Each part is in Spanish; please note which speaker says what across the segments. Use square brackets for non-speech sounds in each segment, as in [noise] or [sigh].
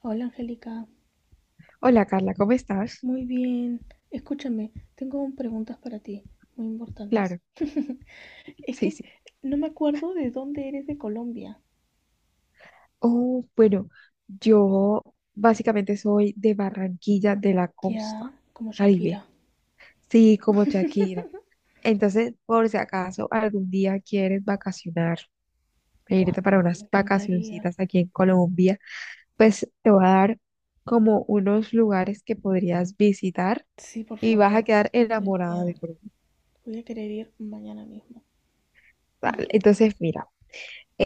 Speaker 1: Hola Angélica,
Speaker 2: Hola Carla, ¿cómo estás?
Speaker 1: muy bien. Escúchame, tengo preguntas para ti, muy importantes.
Speaker 2: Claro,
Speaker 1: [laughs] Es
Speaker 2: sí,
Speaker 1: que
Speaker 2: sí.
Speaker 1: no me acuerdo de dónde eres de Colombia.
Speaker 2: Oh, bueno, yo básicamente soy de Barranquilla, de la costa
Speaker 1: Ya, como
Speaker 2: Caribe.
Speaker 1: Shakira.
Speaker 2: Sí, como Shakira. Entonces, por si acaso algún día quieres vacacionar,
Speaker 1: Buah,
Speaker 2: irte
Speaker 1: me,
Speaker 2: para
Speaker 1: en- me
Speaker 2: unas
Speaker 1: encantaría.
Speaker 2: vacacioncitas aquí en Colombia, pues te voy a dar como unos lugares que podrías visitar
Speaker 1: Sí, por
Speaker 2: y vas a
Speaker 1: favor, me
Speaker 2: quedar enamorada
Speaker 1: encantaría.
Speaker 2: de Colombia.
Speaker 1: Voy a querer ir mañana mismo.
Speaker 2: Vale, entonces, mira,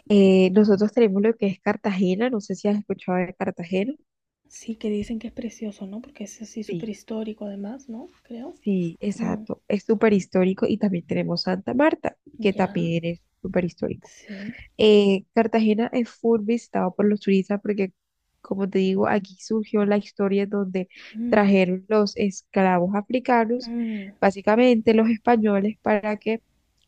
Speaker 2: nosotros tenemos lo que es Cartagena, no sé si has escuchado de Cartagena.
Speaker 1: Sí, que dicen que es precioso, ¿no? Porque es así súper
Speaker 2: Sí.
Speaker 1: histórico además, ¿no? Creo.
Speaker 2: Sí,
Speaker 1: Mm,
Speaker 2: exacto. Es súper histórico y también tenemos Santa Marta, que
Speaker 1: ya,
Speaker 2: también es súper histórico.
Speaker 1: sí.
Speaker 2: Cartagena es full visitado por los turistas porque, como te digo, aquí surgió la historia donde
Speaker 1: Mm,
Speaker 2: trajeron los esclavos africanos,
Speaker 1: mm,
Speaker 2: básicamente los españoles, para que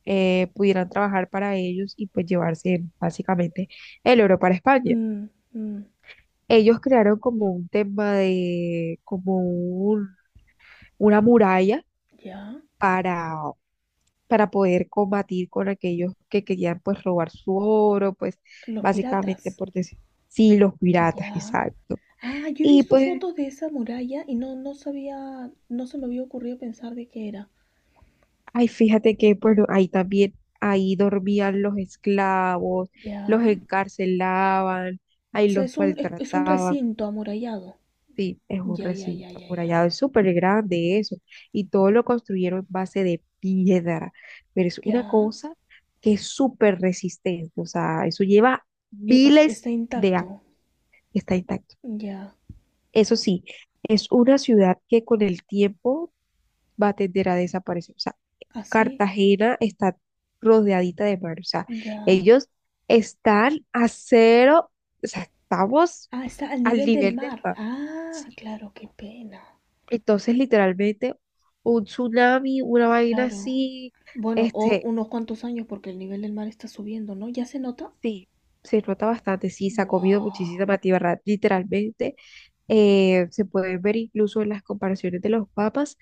Speaker 2: pudieran trabajar para ellos y pues llevarse básicamente el oro para España.
Speaker 1: mm, mm,
Speaker 2: Ellos crearon como un tema de, una muralla
Speaker 1: ya.
Speaker 2: para para poder combatir con aquellos que querían pues robar su oro, pues
Speaker 1: Los
Speaker 2: básicamente
Speaker 1: piratas.
Speaker 2: por decir, sí, los piratas,
Speaker 1: Ya.
Speaker 2: exacto.
Speaker 1: Ah, yo he
Speaker 2: Y
Speaker 1: visto
Speaker 2: pues,
Speaker 1: fotos de esa muralla y no, no sabía, no se me había ocurrido pensar de qué era.
Speaker 2: ay, fíjate que pues ahí también, ahí dormían los esclavos,
Speaker 1: Ya.
Speaker 2: los encarcelaban,
Speaker 1: O
Speaker 2: ahí
Speaker 1: sea,
Speaker 2: los
Speaker 1: es un
Speaker 2: maltrataban.
Speaker 1: recinto amurallado.
Speaker 2: Sí, es un
Speaker 1: Ya, ya,
Speaker 2: recinto
Speaker 1: ya, ya, ya.
Speaker 2: amurallado, es súper grande eso, y todo lo construyeron en base de piedra, pero es una
Speaker 1: Ya.
Speaker 2: cosa que es súper resistente, o sea, eso lleva
Speaker 1: Y, o sea,
Speaker 2: miles
Speaker 1: está
Speaker 2: de años.
Speaker 1: intacto.
Speaker 2: Está intacto.
Speaker 1: Ya.
Speaker 2: Eso sí, es una ciudad que con el tiempo va a tender a desaparecer. O sea,
Speaker 1: Así.
Speaker 2: Cartagena está rodeadita de mar. O sea,
Speaker 1: Ya.
Speaker 2: ellos están a cero, o sea, estamos
Speaker 1: Ah, está al
Speaker 2: al
Speaker 1: nivel del
Speaker 2: nivel del
Speaker 1: mar.
Speaker 2: mar. ¿Sí?
Speaker 1: Ah, claro, qué pena.
Speaker 2: Entonces, literalmente, un tsunami, una vaina
Speaker 1: Claro.
Speaker 2: así,
Speaker 1: Bueno, o
Speaker 2: este,
Speaker 1: unos cuantos años porque el nivel del mar está subiendo, ¿no? ¿Ya se nota?
Speaker 2: sí, se nota bastante, sí, se ha comido
Speaker 1: ¡Wow!
Speaker 2: muchísima tierra, literalmente. Se puede ver incluso en las comparaciones de los papas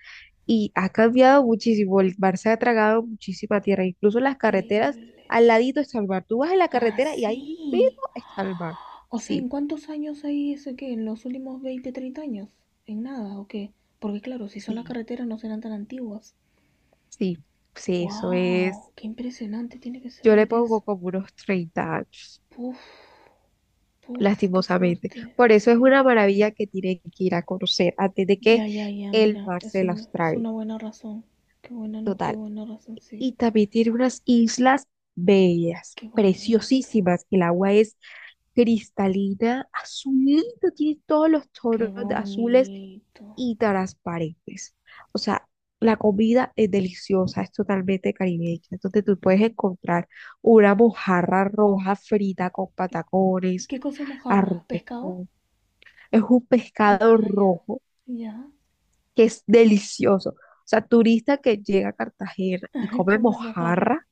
Speaker 2: y ha cambiado muchísimo. El mar se ha tragado muchísima tierra, incluso las carreteras,
Speaker 1: Increíble.
Speaker 2: al ladito está el mar. Tú vas en la
Speaker 1: Ah,
Speaker 2: carretera y ahí mismo
Speaker 1: sí.
Speaker 2: está el mar.
Speaker 1: O sea, ¿en
Speaker 2: Sí,
Speaker 1: cuántos años hay ese qué? ¿En los últimos 20, 30 años? ¿En nada o qué? Porque claro, si son las
Speaker 2: sí,
Speaker 1: carreteras no serán tan antiguas.
Speaker 2: sí, sí, eso
Speaker 1: ¡Wow!
Speaker 2: es.
Speaker 1: ¡Qué impresionante tiene que ser
Speaker 2: Yo le
Speaker 1: ver
Speaker 2: pongo
Speaker 1: eso!
Speaker 2: como unos 30 años,
Speaker 1: ¡Puf! ¡Puf! ¡Qué
Speaker 2: lastimosamente.
Speaker 1: fuerte!
Speaker 2: Por eso es
Speaker 1: Sí.
Speaker 2: una maravilla que tienen que ir a conocer antes de que
Speaker 1: Ya, ya, ya,
Speaker 2: el
Speaker 1: mira,
Speaker 2: mar se
Speaker 1: eso
Speaker 2: las
Speaker 1: me- es
Speaker 2: trague.
Speaker 1: una buena razón. Qué buena not, qué
Speaker 2: Total.
Speaker 1: buena razón, sí.
Speaker 2: Y también tiene unas islas bellas,
Speaker 1: Qué bonito,
Speaker 2: preciosísimas. El agua es cristalina, azulita, tiene todos los
Speaker 1: qué
Speaker 2: tonos de azules
Speaker 1: bonito.
Speaker 2: y transparentes. O sea, la comida es deliciosa, es totalmente caribeña. Entonces tú puedes encontrar una mojarra roja frita con patacones,
Speaker 1: ¿Qué cosa es
Speaker 2: arroz
Speaker 1: mojarra?
Speaker 2: de
Speaker 1: ¿Pescado?
Speaker 2: coco. Es un pescado
Speaker 1: Ya, ya,
Speaker 2: rojo
Speaker 1: ya.
Speaker 2: que es delicioso. O sea, turista que llega a Cartagena y
Speaker 1: [laughs]
Speaker 2: come
Speaker 1: Come mojarra.
Speaker 2: mojarra.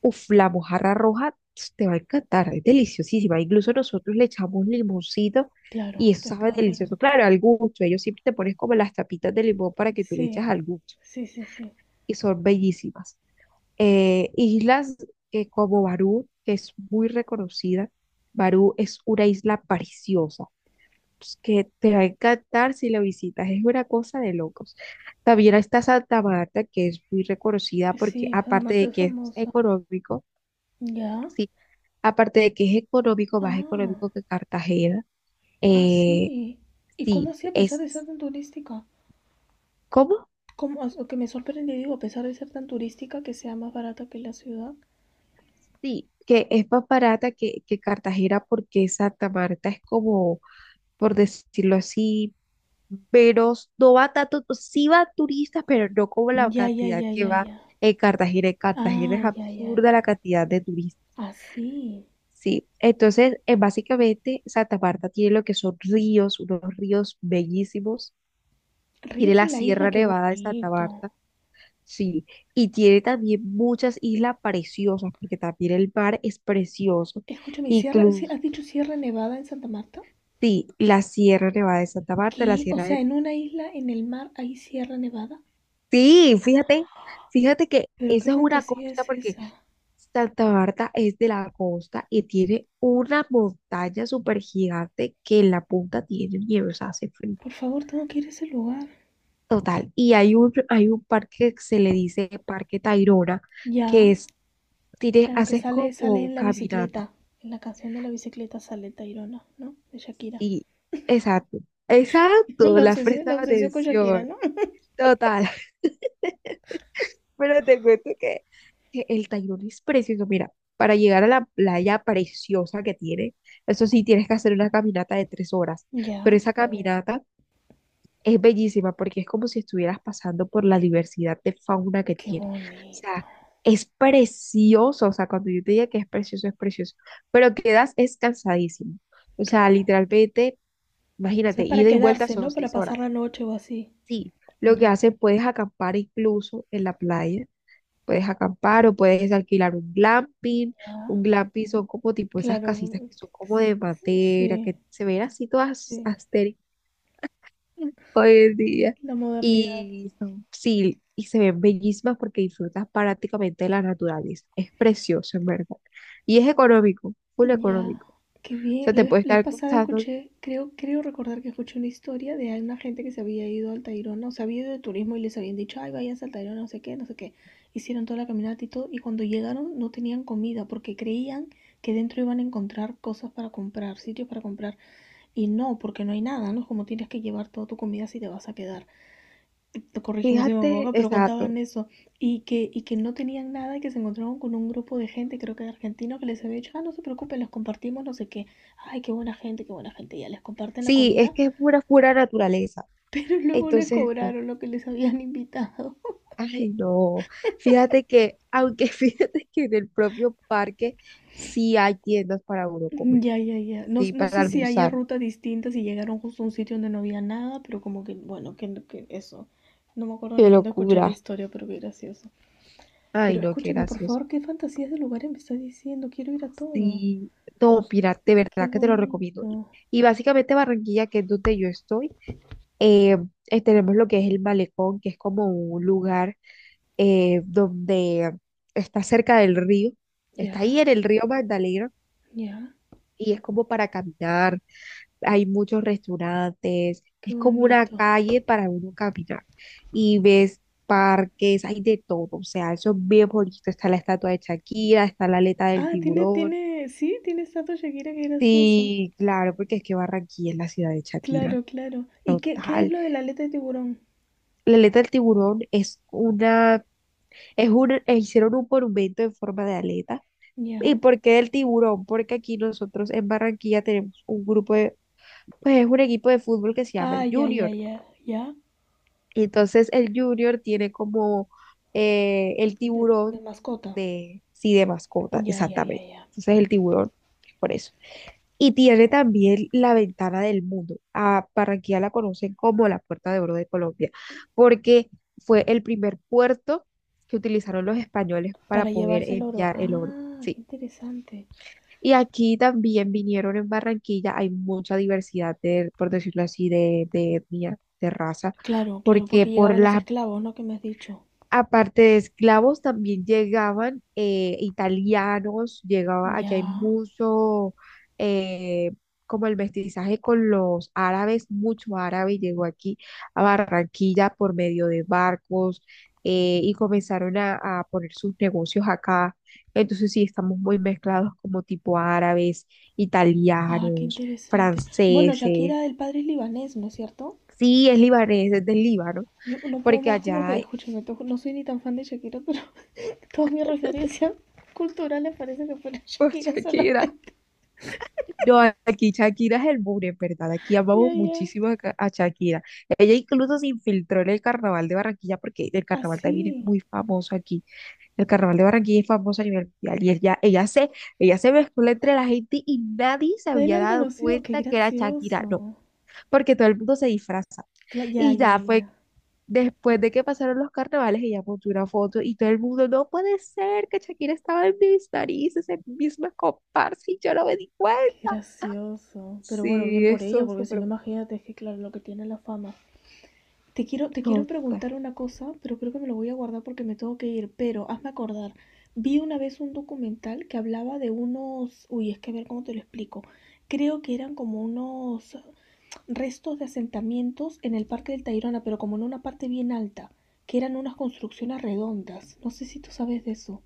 Speaker 2: Uf, la mojarra roja ps, te va a encantar, es deliciosísima. Incluso nosotros le echamos limoncito
Speaker 1: Claro,
Speaker 2: y eso sabe
Speaker 1: pescado con...
Speaker 2: delicioso. Claro, al gusto. Ellos siempre te pones como las tapitas de limón para que tú le eches
Speaker 1: Sí.
Speaker 2: al gusto.
Speaker 1: Sí, sí, sí.
Speaker 2: Y son bellísimas. Islas como Barú, que es muy reconocida. Barú es una isla preciosa, pues, que te va a encantar si la visitas. Es una cosa de locos. También está Santa Marta, que es muy reconocida porque
Speaker 1: Sí,
Speaker 2: aparte
Speaker 1: además
Speaker 2: de
Speaker 1: es
Speaker 2: que es
Speaker 1: famosa.
Speaker 2: económico,
Speaker 1: ¿Ya?
Speaker 2: sí. Aparte de que es económico, más
Speaker 1: Ah,
Speaker 2: económico que Cartagena.
Speaker 1: ah,
Speaker 2: Eh,
Speaker 1: sí. ¿Y cómo
Speaker 2: sí,
Speaker 1: así a pesar
Speaker 2: es,
Speaker 1: de ser tan turística?
Speaker 2: ¿cómo?
Speaker 1: ¿Cómo? O sea, que me sorprende, digo, a pesar de ser tan turística, que sea más barata que la ciudad.
Speaker 2: Sí, que es más barata que Cartagena porque Santa Marta es como, por decirlo así, menos, no va tanto, sí va turistas, pero no como la
Speaker 1: Ya, ya,
Speaker 2: cantidad
Speaker 1: ya,
Speaker 2: que
Speaker 1: ya,
Speaker 2: va
Speaker 1: ya.
Speaker 2: en Cartagena. En Cartagena
Speaker 1: Ah,
Speaker 2: es
Speaker 1: ya, ya,
Speaker 2: absurda
Speaker 1: ya.
Speaker 2: la cantidad de turistas.
Speaker 1: Así.
Speaker 2: Sí, entonces, básicamente Santa Marta tiene lo que son ríos, unos ríos bellísimos. Tiene
Speaker 1: Ríos
Speaker 2: la
Speaker 1: en la isla,
Speaker 2: Sierra
Speaker 1: qué
Speaker 2: Nevada de Santa Marta.
Speaker 1: bonito.
Speaker 2: Sí, y tiene también muchas islas preciosas, porque también el mar es precioso.
Speaker 1: Escúchame, ¿sierra, sí,
Speaker 2: Incluso,
Speaker 1: has dicho Sierra Nevada en Santa Marta?
Speaker 2: sí, la Sierra Nevada de Santa Marta, la
Speaker 1: ¿Qué? O
Speaker 2: Sierra
Speaker 1: sea,
Speaker 2: de...
Speaker 1: ¿en una isla en el mar hay Sierra Nevada?
Speaker 2: Sí, fíjate, fíjate que
Speaker 1: Pero qué
Speaker 2: esa es una
Speaker 1: fantasía
Speaker 2: costa,
Speaker 1: es
Speaker 2: porque
Speaker 1: esa.
Speaker 2: Santa Marta es de la costa y tiene una montaña súper gigante que en la punta tiene nieve, o sea, hace frío.
Speaker 1: Por favor, tengo que ir a ese lugar.
Speaker 2: Total, y hay un parque que se le dice Parque Tayrona, que
Speaker 1: Ya,
Speaker 2: es, tiene,
Speaker 1: claro que
Speaker 2: haces
Speaker 1: sale, sale
Speaker 2: como
Speaker 1: en la
Speaker 2: caminata.
Speaker 1: bicicleta. En la canción de la bicicleta sale Tairona, ¿no? De Shakira.
Speaker 2: Y, exacto,
Speaker 1: [laughs]
Speaker 2: exacto, la
Speaker 1: La
Speaker 2: presta
Speaker 1: obsesión con Shakira,
Speaker 2: atención,
Speaker 1: ¿no?
Speaker 2: total. [laughs] Pero te cuento que el Tayrona es precioso. Mira, para llegar a la playa preciosa que tiene, eso sí, tienes que hacer una caminata de 3 horas, pero
Speaker 1: Ya,
Speaker 2: esa caminata es bellísima porque es como si estuvieras pasando por la diversidad de fauna que
Speaker 1: qué
Speaker 2: tiene. O
Speaker 1: bonito.
Speaker 2: sea, es precioso, o sea, cuando yo te diga que es precioso, pero quedas es cansadísimo. O sea,
Speaker 1: Claro.
Speaker 2: literalmente...
Speaker 1: O
Speaker 2: Imagínate,
Speaker 1: sea, para
Speaker 2: ida y vuelta
Speaker 1: quedarse,
Speaker 2: son
Speaker 1: ¿no?
Speaker 2: seis
Speaker 1: Para pasar
Speaker 2: horas.
Speaker 1: la noche o así.
Speaker 2: Sí, lo que
Speaker 1: Ya,
Speaker 2: hace, puedes acampar incluso en la playa, puedes acampar o puedes alquilar un glamping.
Speaker 1: ya.
Speaker 2: Un glamping son como tipo esas casitas
Speaker 1: Claro.
Speaker 2: que son como de madera,
Speaker 1: Sí,
Speaker 2: que se ven así todas
Speaker 1: sí.
Speaker 2: astéricas hoy en día.
Speaker 1: La modernidad.
Speaker 2: Y son, sí, y se ven bellísimas porque disfrutas prácticamente de la naturaleza. Es precioso, en verdad. Y es económico, full
Speaker 1: Ya,
Speaker 2: económico.
Speaker 1: qué
Speaker 2: O
Speaker 1: bien.
Speaker 2: sea,
Speaker 1: La
Speaker 2: te
Speaker 1: vez,
Speaker 2: puede
Speaker 1: la vez
Speaker 2: estar
Speaker 1: pasada
Speaker 2: costando,
Speaker 1: escuché, creo recordar que escuché una historia de una gente que se había ido al Tayrona, o se había ido de turismo y les habían dicho, ay, váyanse al Tayrona, no sé qué, no sé qué. Hicieron toda la caminata y todo, y cuando llegaron no tenían comida porque creían que dentro iban a encontrar cosas para comprar, sitios para comprar, y no, porque no hay nada, ¿no? Es como tienes que llevar toda tu comida si te vas a quedar, corrígeme si me
Speaker 2: fíjate,
Speaker 1: equivoco, pero
Speaker 2: exacto.
Speaker 1: contaban eso, y que no tenían nada, y que se encontraron con un grupo de gente, creo que argentino, que les había dicho, ah, no se preocupen, les compartimos, no sé qué, ay, qué buena gente, ya les comparten la
Speaker 2: Sí, es
Speaker 1: comida,
Speaker 2: que es pura, pura naturaleza.
Speaker 1: [laughs] pero luego les
Speaker 2: Entonces, no.
Speaker 1: cobraron lo que les habían invitado. [laughs]
Speaker 2: Ay, no. Fíjate que, aunque [laughs] fíjate que en el propio parque sí hay tiendas para uno comer,
Speaker 1: Ya, ya, ya, no,
Speaker 2: sí,
Speaker 1: no
Speaker 2: para
Speaker 1: sé si haya
Speaker 2: almorzar.
Speaker 1: rutas distintas y llegaron justo a un sitio donde no había nada, pero como que, bueno, que eso. No me acuerdo
Speaker 2: Qué
Speaker 1: ni dónde escuché la
Speaker 2: locura.
Speaker 1: historia, pero qué gracioso.
Speaker 2: Ay,
Speaker 1: Pero
Speaker 2: no, qué
Speaker 1: escúchame, por
Speaker 2: gracioso.
Speaker 1: favor, qué fantasías de lugares me estás diciendo. Quiero ir a todo.
Speaker 2: Sí, no, mira, de
Speaker 1: Qué
Speaker 2: verdad que te lo recomiendo.
Speaker 1: bonito.
Speaker 2: Y básicamente Barranquilla, que es donde yo estoy, eh, tenemos lo que es el malecón, que es como un lugar donde está cerca del río. Está ahí
Speaker 1: Ya,
Speaker 2: en el río Magdalena
Speaker 1: ya,
Speaker 2: y es como para caminar, hay muchos restaurantes,
Speaker 1: qué
Speaker 2: es como una
Speaker 1: bonito.
Speaker 2: calle para uno caminar y ves parques, hay de todo, o sea, eso es bien bonito, está la estatua de Shakira, está la aleta del
Speaker 1: Ah,
Speaker 2: tiburón,
Speaker 1: sí, tiene estatua Shakira, qué gracioso.
Speaker 2: sí, claro, porque es que Barranquilla es la ciudad de Shakira.
Speaker 1: Claro, claro. ¿Y qué es
Speaker 2: Tal.
Speaker 1: lo de la aleta de tiburón?
Speaker 2: La aleta del tiburón es una, es un, hicieron un monumento en forma de aleta. ¿Y
Speaker 1: Ya.
Speaker 2: por qué del tiburón? Porque aquí nosotros en Barranquilla tenemos un grupo de, pues es un equipo de fútbol que se llama
Speaker 1: Ah,
Speaker 2: el
Speaker 1: ya, ya,
Speaker 2: Junior.
Speaker 1: ya, ya.
Speaker 2: Y entonces el Junior tiene como el
Speaker 1: De
Speaker 2: tiburón
Speaker 1: mascota.
Speaker 2: de, sí, de mascota,
Speaker 1: Ya, ya, ya,
Speaker 2: exactamente.
Speaker 1: ya.
Speaker 2: Entonces el tiburón es por eso. Y tiene también la ventana del mundo. A Barranquilla la conocen como la Puerta de Oro de Colombia, porque fue el primer puerto que utilizaron los españoles para
Speaker 1: Para
Speaker 2: poder
Speaker 1: llevarse el oro.
Speaker 2: enviar el oro.
Speaker 1: Ah, qué
Speaker 2: Sí.
Speaker 1: interesante.
Speaker 2: Y aquí también vinieron en Barranquilla, hay mucha diversidad por decirlo así, de etnia, de raza,
Speaker 1: Claro, claro,
Speaker 2: porque
Speaker 1: porque
Speaker 2: por
Speaker 1: llegaban los
Speaker 2: las...
Speaker 1: esclavos, ¿no? Que me has dicho.
Speaker 2: Aparte de esclavos, también llegaban italianos, llegaba, aquí hay
Speaker 1: Ya.
Speaker 2: mucho, eh, como el mestizaje con los árabes, mucho árabe llegó aquí a Barranquilla por medio de barcos y comenzaron a poner sus negocios acá. Entonces sí, estamos muy mezclados como tipo árabes,
Speaker 1: Ah, qué
Speaker 2: italianos,
Speaker 1: interesante. Bueno,
Speaker 2: franceses.
Speaker 1: Shakira, el padre es libanés, ¿no es cierto?
Speaker 2: Sí, es libanés, es del Líbano,
Speaker 1: Yo no puedo
Speaker 2: porque
Speaker 1: más
Speaker 2: allá [laughs]
Speaker 1: porque,
Speaker 2: hay
Speaker 1: escúchame, to- no soy ni tan fan de Shakira, pero todas mis referencias culturales [laughs] parece que fueron [laughs]
Speaker 2: por
Speaker 1: Shakira
Speaker 2: Shakira.
Speaker 1: solamente.
Speaker 2: No, aquí Shakira es el muro, en verdad. Aquí
Speaker 1: Ya,
Speaker 2: amamos
Speaker 1: yeah, ya. Yeah.
Speaker 2: muchísimo a, Ca- a Shakira. Ella incluso se infiltró en el carnaval de Barranquilla porque el carnaval también es
Speaker 1: Así.
Speaker 2: muy famoso aquí. El carnaval de Barranquilla es famoso a nivel mundial y ella se mezcló entre la gente y nadie se
Speaker 1: Nadie la
Speaker 2: había
Speaker 1: ha
Speaker 2: dado
Speaker 1: reconocido. Qué
Speaker 2: cuenta que era Shakira, no,
Speaker 1: gracioso.
Speaker 2: porque todo el mundo se disfraza.
Speaker 1: Cla- ya, yeah,
Speaker 2: Y
Speaker 1: ya, yeah,
Speaker 2: ya
Speaker 1: ya.
Speaker 2: fue
Speaker 1: Yeah.
Speaker 2: después de que pasaron los carnavales, ella montó una foto y todo el mundo, no puede ser que Shakira estaba en mis narices, en mis misma comparsa y yo no me di
Speaker 1: Qué
Speaker 2: cuenta.
Speaker 1: gracioso. Pero bueno,
Speaker 2: Sí,
Speaker 1: bien por ella,
Speaker 2: eso es
Speaker 1: porque si
Speaker 2: súper
Speaker 1: no, imagínate, es que claro, lo que tiene la fama. Te quiero
Speaker 2: bonita.
Speaker 1: preguntar una cosa, pero creo que me lo voy a guardar porque me tengo que ir. Pero hazme acordar. Vi una vez un documental que hablaba de unos. Uy, es que a ver cómo te lo explico. Creo que eran como unos restos de asentamientos en el Parque del Tayrona, pero como en una parte bien alta, que eran unas construcciones redondas. No sé si tú sabes de eso.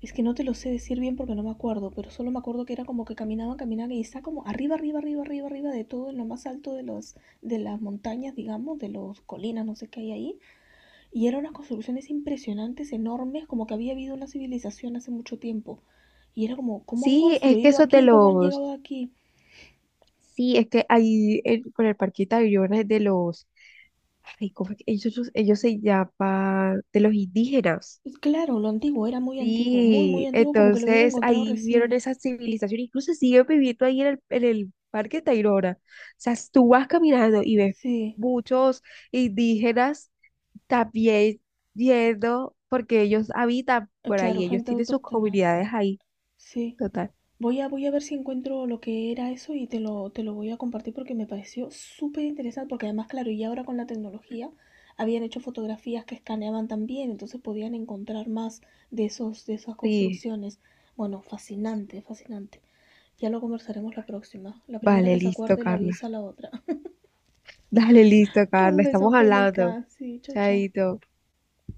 Speaker 1: Es que no te lo sé decir bien porque no me acuerdo, pero solo me acuerdo que era como que caminaban, caminaban y está como arriba, arriba, arriba, arriba, arriba de todo, en lo más alto de, los, de las montañas, digamos, de las colinas, no sé qué hay ahí. Y eran unas construcciones impresionantes, enormes, como que había habido una civilización hace mucho tiempo. Y era como, ¿cómo han
Speaker 2: Sí, es que
Speaker 1: construido
Speaker 2: eso es de
Speaker 1: aquí? ¿Cómo han
Speaker 2: los.
Speaker 1: llegado aquí?
Speaker 2: Sí, es que ahí en- con el parquita de Tayrona es de los. Ay, ¿cómo es que ellos se llaman? De los indígenas.
Speaker 1: Y claro, lo antiguo, era muy antiguo, muy
Speaker 2: Sí,
Speaker 1: antiguo, como que lo habían
Speaker 2: entonces
Speaker 1: encontrado
Speaker 2: ahí vieron
Speaker 1: recién.
Speaker 2: esa civilización, incluso siguen viviendo ahí en el Parque Tayrona. O sea, tú vas caminando y ves
Speaker 1: Sí,
Speaker 2: muchos indígenas también yendo, porque ellos habitan por
Speaker 1: claro,
Speaker 2: ahí, ellos
Speaker 1: gente
Speaker 2: tienen sus
Speaker 1: autóctona.
Speaker 2: comunidades ahí,
Speaker 1: Sí.
Speaker 2: total.
Speaker 1: Voy a ver si encuentro lo que era eso y te lo voy a compartir porque me pareció súper interesante, porque además, claro, y ahora con la tecnología habían hecho fotografías que escaneaban también, entonces podían encontrar más de esos, de esas
Speaker 2: Sí.
Speaker 1: construcciones. Bueno, fascinante, fascinante. Ya lo conversaremos la próxima. La primera
Speaker 2: Vale,
Speaker 1: que se
Speaker 2: listo,
Speaker 1: acuerde la
Speaker 2: Carla.
Speaker 1: avisa a la otra.
Speaker 2: Dale, listo,
Speaker 1: [laughs]
Speaker 2: Carla.
Speaker 1: Un beso,
Speaker 2: Estamos hablando.
Speaker 1: Angélica. Sí, chao, chao.
Speaker 2: Chaito.